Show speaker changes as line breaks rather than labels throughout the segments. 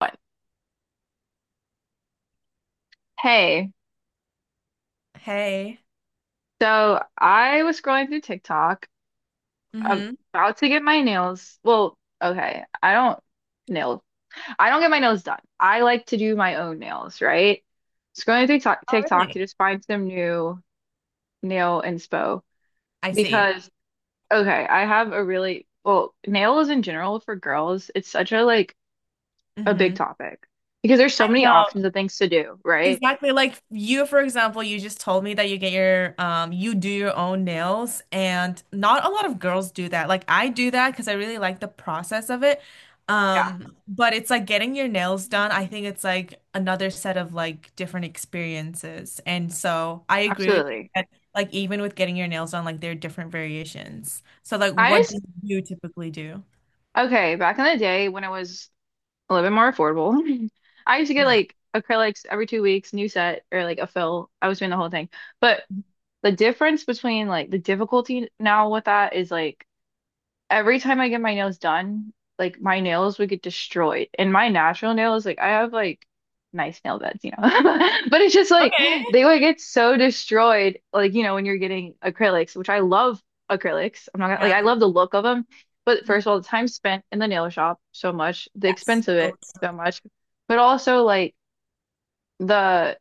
One. Hey,
Hey.
so I was scrolling through TikTok
Mm-hmm.
about to get my nails. Well, okay, I don't nail. I don't get my nails done. I like to do my own nails, right? Scrolling through TikTok,
Oh,
TikTok to
really?
just find some new nail inspo
I see.
because okay, I have a really well, nails in general for girls, it's such a like a
Mm-hmm.
big topic because there's so many
No,
options of things to do, right?
exactly. Like you, for example, you just told me that you get your you do your own nails, and not a lot of girls do that. Like, I do that because I really like the process of it.
Yeah,
But it's like getting your nails done, I think it's like another set of like different experiences. And so I agree with you
absolutely.
that like, even with getting your nails done, like there are different variations. So like,
I
what
just
do you typically do?
Okay, back in the day when it was a little bit more affordable. I used to get
Yeah.
like acrylics every 2 weeks, new set or like a fill. I was doing the whole thing. But the difference between like the difficulty now with that is like every time I get my nails done, like my nails would get destroyed. And my natural nails, like I have like nice nail beds, you know. But it's just like
Okay.
they would get so destroyed, like, you know, when you're getting acrylics, which I love acrylics. I'm not gonna like
Yeah.
I love the look of them. But first of all, the time spent in the nail shop so much, the
Yes.
expense of
So
it so
true.
much, but also like the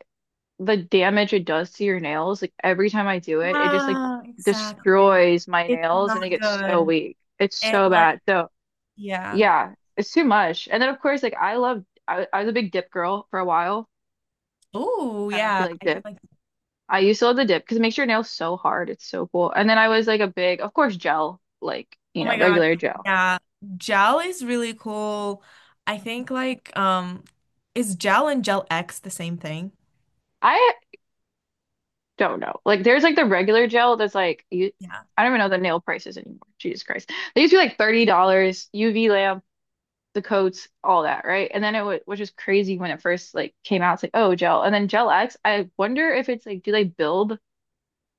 the damage it does to your nails, like every time I do it, it just like
Ah, exactly.
destroys my
It's
nails and they
not
get so
good.
weak. It's
And
so
like,
bad. So
yeah.
yeah, it's too much. And then of course, like I was a big dip girl for a while.
Oh,
I don't know if
yeah.
you like
I do
dip.
like,
I used to love the dip because it makes your nails so hard. It's so cool. And then I was like a big, of course, gel, like, you
oh
know,
my God.
regular gel.
Yeah. Gel is really cool. I think like, is gel and gel X the same thing?
I don't know. Like there's like the regular gel that's like you
Yeah.
I don't even know the nail prices anymore. Jesus Christ. They used to be like $30, UV lamp, the coats, all that, right? And then it w was just crazy when it first like came out. It's like, oh, gel. And then Gel X, I wonder if it's like, do they build?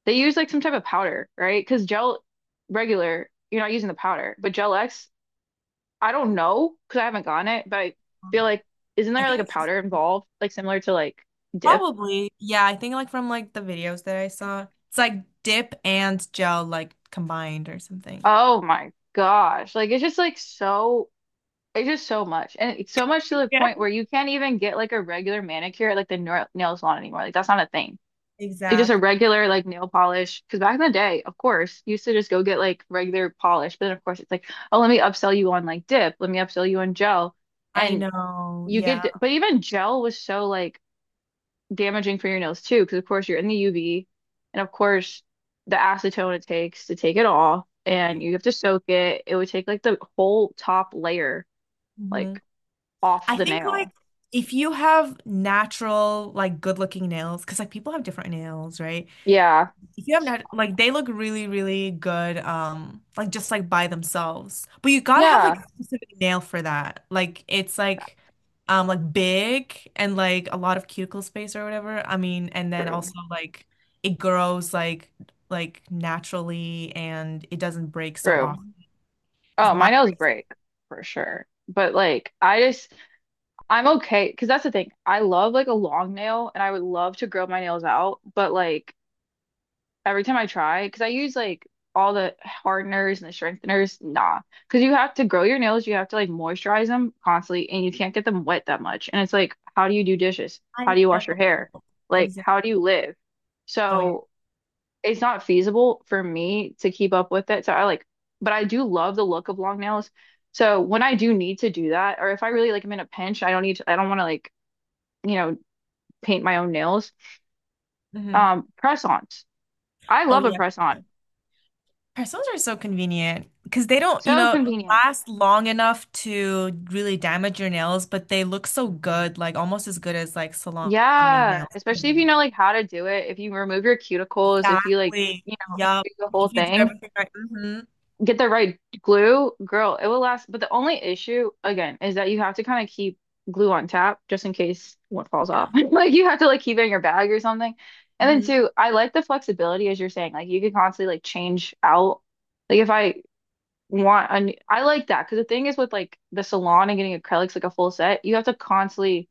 They use like some type of powder, right? Because gel regular, you're not using the powder, but Gel X, I don't know because I haven't gotten it, but I
I don't
feel
know.
like isn't
I
there like
think
a
it's
powder involved, like similar to like dip?
probably, yeah, I think like from like the videos that I saw, it's like dip and gel like combined or something.
Oh my gosh, like it's just like so. It's just so much, and it's so much to the
Yeah.
point where you can't even get like a regular manicure at like the nail salon anymore. Like that's not a thing. Like just a
Exactly.
regular like nail polish. Because back in the day, of course, you used to just go get like regular polish. But then of course it's like, oh, let me upsell you on like dip. Let me upsell you on gel.
I
And
know.
you get,
Yeah.
but even gel was so like damaging for your nails too. Because of course you're in the UV, and of course the acetone it takes to take it off, and you have to soak it. It would take like the whole top layer like
Mhm.
off
I
the
think like,
nail.
if you have natural, like good looking nails, because like people have different nails, right?
Yeah,
If you have nat like they look really, really good, like just like by themselves. But you gotta have like
yeah,
a specific nail for that. Like it's like big and like a lot of cuticle space or whatever. I mean, and then also
true,
like it grows like naturally and it doesn't break so
true.
often.
Oh,
Because
my
mine,
nails break for sure. But like, I'm okay because that's the thing. I love like a long nail and I would love to grow my nails out, but like every time I try, because I use like all the hardeners and the strengtheners, nah. Because you have to grow your nails, you have to like moisturize them constantly and you can't get them wet that much. And it's like, how do you do dishes?
I
How do you wash
know.
your hair? Like,
Exactly.
how do you live?
Oh yeah.
So it's not feasible for me to keep up with it. So I like, but I do love the look of long nails. So when I do need to do that, or if I really like am in a pinch, I don't need to, I don't want to like you know, paint my own nails.
Hmm.
Press-ons. I
Oh
love a
yeah.
press-on.
Parcels are so convenient because they don't, you
So
know,
convenient.
last long enough to really damage your nails, but they look so good, like almost as good as like salon made
Yeah,
nails.
especially if you
Mhm.
know like how to do it. If you remove your cuticles, if you like,
Exactly.
you know,
Yup.
do the whole
If you do
thing,
everything right. Hmm.
get the right glue, girl, it will last. But the only issue, again, is that you have to kind of keep glue on tap just in case one falls
Yeah.
off. Like you have to like keep it in your bag or something. And then
Hmm.
too, I like the flexibility as you're saying. Like you could constantly like change out. Like if I want a new, I like that because the thing is with like the salon and getting acrylics like a full set, you have to constantly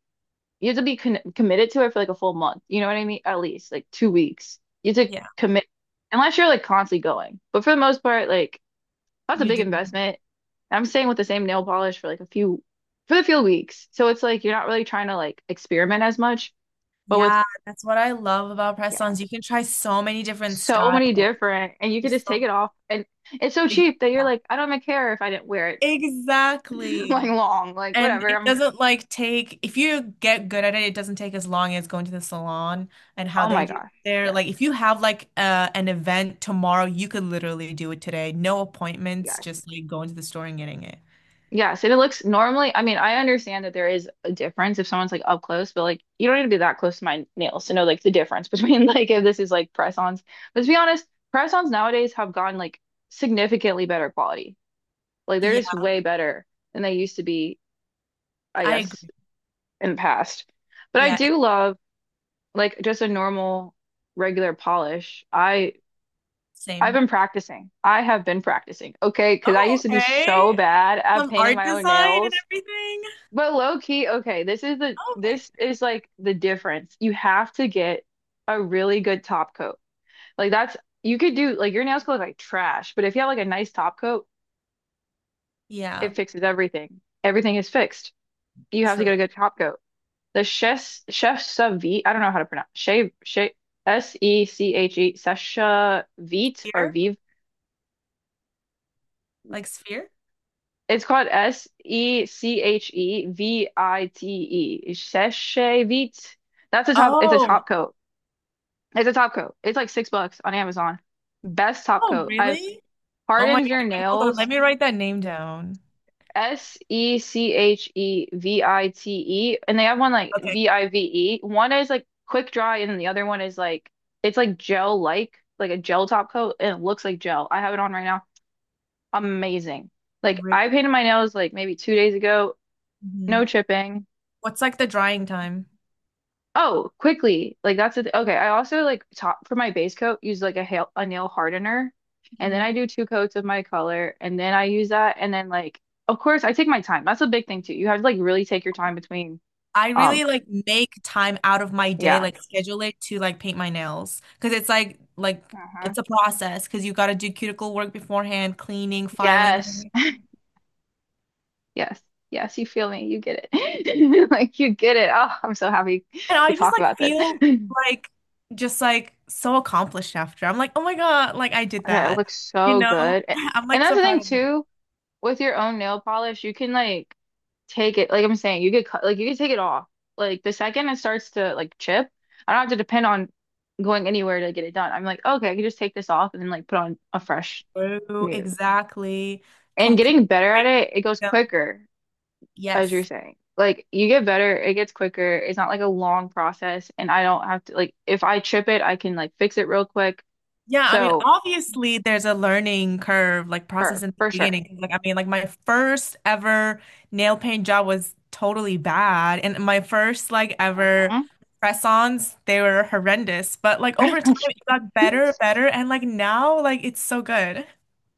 you have to be con committed to it for like a full month. You know what I mean? At least like 2 weeks. You have to
Yeah,
commit unless you're like constantly going. But for the most part, like that's a
you
big
do.
investment. I'm staying with the same nail polish for like a few for the few weeks. So it's like you're not really trying to like experiment as much, but with
Yeah, that's what I love about
yeah,
press-ons. You can try so many different
so
styles.
many different and you could
There's
just take
so
it off and it's so cheap
Exac-
that you're like, I don't even care if I didn't wear it like
Exactly.
long, like
And
whatever.
it
I'm gonna,
doesn't like take, if you get good at it, it doesn't take as long as going to the salon and how
oh
they
my
do
gosh.
there.
Yeah,
Like if you have like an event tomorrow, you could literally do it today. No appointments,
yeah.
just like going to the store and getting it.
Yes, and it looks normally, I mean, I understand that there is a difference if someone's like up close, but like you don't need to be that close to my nails to know like the difference between like if this is like press-ons. But to be honest, press-ons nowadays have gotten like significantly better quality. Like they're
Yeah,
just way better than they used to be, I
I
guess,
agree.
in the past. But I
Yeah, it's
do love like just a normal regular polish. I
the
I've
same.
been practicing. I have been practicing. Okay, because I
Oh,
used to be so
okay.
bad at
Some
painting
art
my own
design and
nails.
everything.
But low key, okay,
Okay.
this is like the difference. You have to get a really good top coat. Like that's you could do like your nails could look like trash, but if you have like a nice top coat,
Yeah,
it fixes everything. Everything is fixed. You have to
true.
get a good top coat. The chef Savit, I don't know how to pronounce shave SECHE Sesha Vite or
Here?
Vive.
Like Sphere?
It's called SECHEVITE. Seshevit. That's a top. It's a
Oh,
top coat. It's a top coat. It's like $6 on Amazon. Best top
oh,
coat. I
really? Oh my
hardens your
God. Wait, hold on.
nails.
Let me write that name down.
SECHEVITE. And they have one like
Okay.
VIVE. One is like quick dry, and then the other one is like it's like gel like a gel top coat, and it looks like gel. I have it on right now. Amazing. Like
Ri-
I painted my nails like maybe 2 days ago.
Mhm.
No chipping.
What's like the drying time?
Oh, quickly. Like that's the th okay. I also like top for my base coat use like a nail hardener, and then
Mhm.
I do two coats of my color, and then I use that, and then like of course I take my time. That's a big thing too. You have to like really take your time between
I
um
really like make time out of my day,
yeah.
like schedule it to like paint my nails because it's like
Hmm.
it's a process because you got to do cuticle work beforehand, cleaning,
Yes.
filing.
Yes. Yes, you feel me. You get it. Like you get it. Oh, I'm so happy
And
we
I just
talk
like
about this.
feel like just like so accomplished after. I'm like, oh my God, like I did
Okay, it
that.
looks
You
so
know,
good. A-
I'm
And
like
that's
so
the thing
proud of me.
too. With your own nail polish, you can like take it, like I'm saying, you could cut, like you could take it off. Like the second it starts to like chip, I don't have to depend on going anywhere to get it done. I'm like, okay, I can just take this off and then like put on a fresh
True,
new.
exactly.
And
Complete
getting better at it, it goes
freedom.
quicker, as
Yes.
you're saying. Like you get better, it gets quicker. It's not like a long process, and I don't have to like if I chip it, I can like fix it real quick.
Yeah, I mean,
So,
obviously there's a learning curve, like process
for
in the
for sure.
beginning. 'Cause, like, I mean, like my first ever nail paint job was totally bad. And my first like ever
Uh-huh.
press-ons, they were horrendous. But like over time it got better, better, and like now, like it's so good.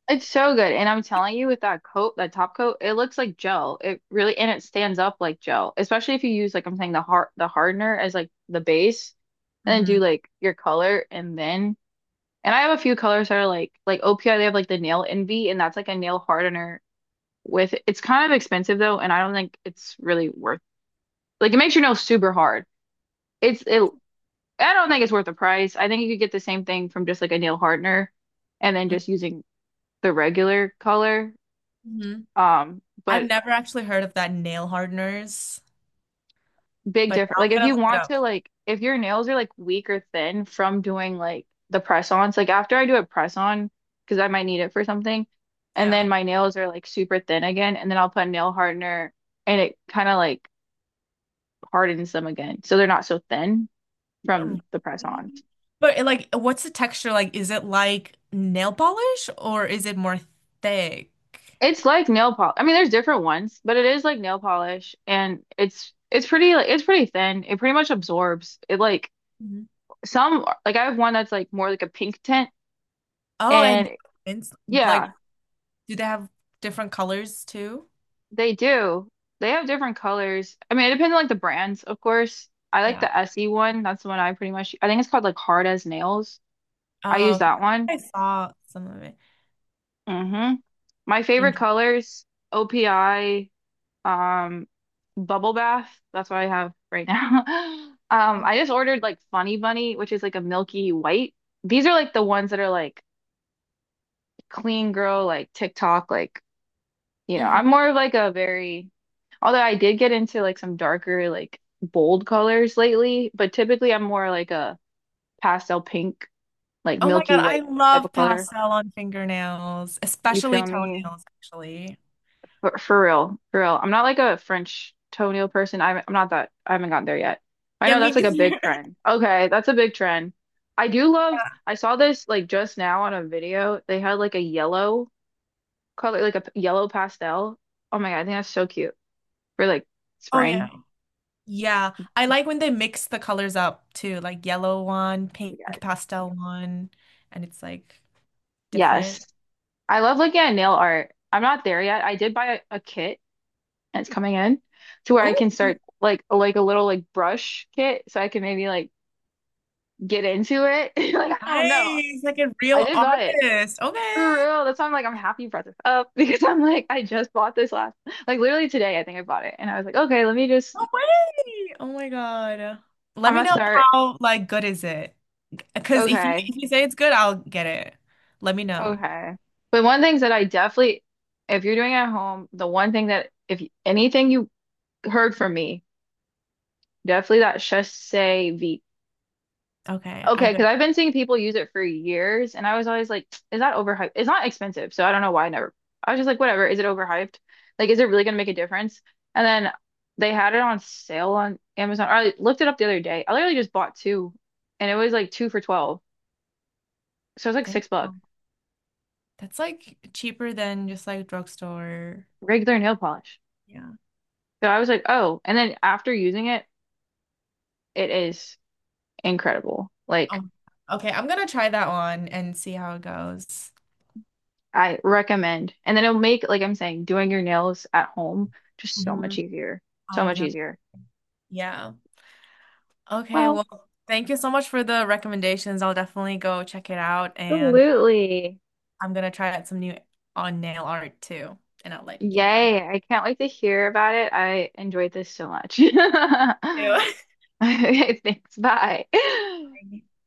It's so good. And I'm telling you, with that coat, that top coat, it looks like gel. It really, and it stands up like gel, especially if you use, like I'm saying, the hardener as like the base and then
Hmm.
do like your color. And then, and I have a few colors that are like OPI, they have like the Nail Envy, and that's like a nail hardener with, it's kind of expensive though. And I don't think it's really worth, like it makes your nails super hard. It's, it, I don't think it's worth the price. I think you could get the same thing from just like a nail hardener and then just using the regular color.
Hmm. I've
But
never actually heard of that nail hardeners,
big
but
difference.
now
Like
I'm
if
gonna
you
look it
want
up.
to like if your nails are like weak or thin from doing like the press ons, like after I do a press on, because I might need it for something, and
Yeah.
then my nails are like super thin again, and then I'll put a nail hardener and it kind of like hardens them again. So they're not so thin from the press
Really?
ons.
But like, what's the texture like? Is it like nail polish or is it more thick?
It's like nail polish. I mean, there's different ones, but it is like nail polish and it's pretty like it's pretty thin. It pretty much absorbs. It like
Mhm.
some like I have one that's like more like a pink tint
Oh, and
and
it's, like,
yeah,
do they have different colors too?
they do. They have different colors. I mean, it depends on like the brands, of course. I like
Yeah.
the Essie one. That's the one I pretty much I think it's called like Hard as Nails. I
Oh,
use
okay.
that one.
I saw some of it
Hmm. My favorite
in.
colors, OPI, um, Bubble Bath. That's what I have right now.
Oh,
I just ordered like Funny Bunny, which is like a milky white. These are like the ones that are like clean girl, like TikTok, like you know,
mhm.
I'm more of like a very, although I did get into like some darker, like bold colors lately, but typically I'm more like a pastel pink, like
Oh my
milky
God, I
white type
love
of color.
pastel on fingernails,
You
especially
feel me?
toenails, actually.
For real, for real. I'm not like a French toenail person. I'm not that, I haven't gotten there yet. I
Yeah,
know
me
that's like a big
neither.
trend. Okay, that's a big trend. I do love, I saw this like just now on a video. They had like a yellow color, like a yellow pastel. Oh my God, I think that's so cute for like
Oh yeah.
spring.
Yeah, I like when they mix the colors up too, like yellow one, pink pastel one, and it's like different.
Yes. I love looking at nail art. I'm not there yet. I did buy a kit and it's coming in to where I
Oh,
can start like a little like brush kit so I can maybe like get into it. Like I don't know.
nice. Like a
I
real
did buy it.
artist. Okay.
For real. That's why I'm like I'm happy you brought this up because I'm like I just bought this last like literally today I think I bought it and I was like, okay, let me just
No way. Oh my God. Let
I'm
me
gonna
know
start.
how like good is it. Because
Okay.
if you say it's good, I'll get it. Let me know.
Okay. But one thing that I definitely if you're doing it at home, the one thing that if anything you heard from me definitely that Chassé V.
Okay, I
Okay,
got
because I've been seeing people use it for years, and I was always like, is that overhyped? It's not expensive, so I don't know why I never. I was just like, whatever, is it overhyped? Like, is it really gonna make a difference? And then they had it on sale on Amazon. Or I looked it up the other day. I literally just bought two, and it was like two for 12. So it was like
Damn.
$6,
That's like cheaper than just like drugstore.
regular nail polish.
Yeah.
So I was like, oh. And then after using it, it is incredible. Like,
Um, okay, I'm gonna try that one and see how it goes.
I recommend. And then it'll make, like I'm saying, doing your nails at home just so much
Mhm.
easier. So
I
much
know.
easier.
Yeah. Okay.
Well,
Well, thank you so much for the recommendations. I'll definitely go check it out, and
absolutely.
I'm gonna try out some new on nail art too, and I'll let you know.
Yay. I can't wait to hear about it. I enjoyed this so much.
Ew.
Thanks. Bye.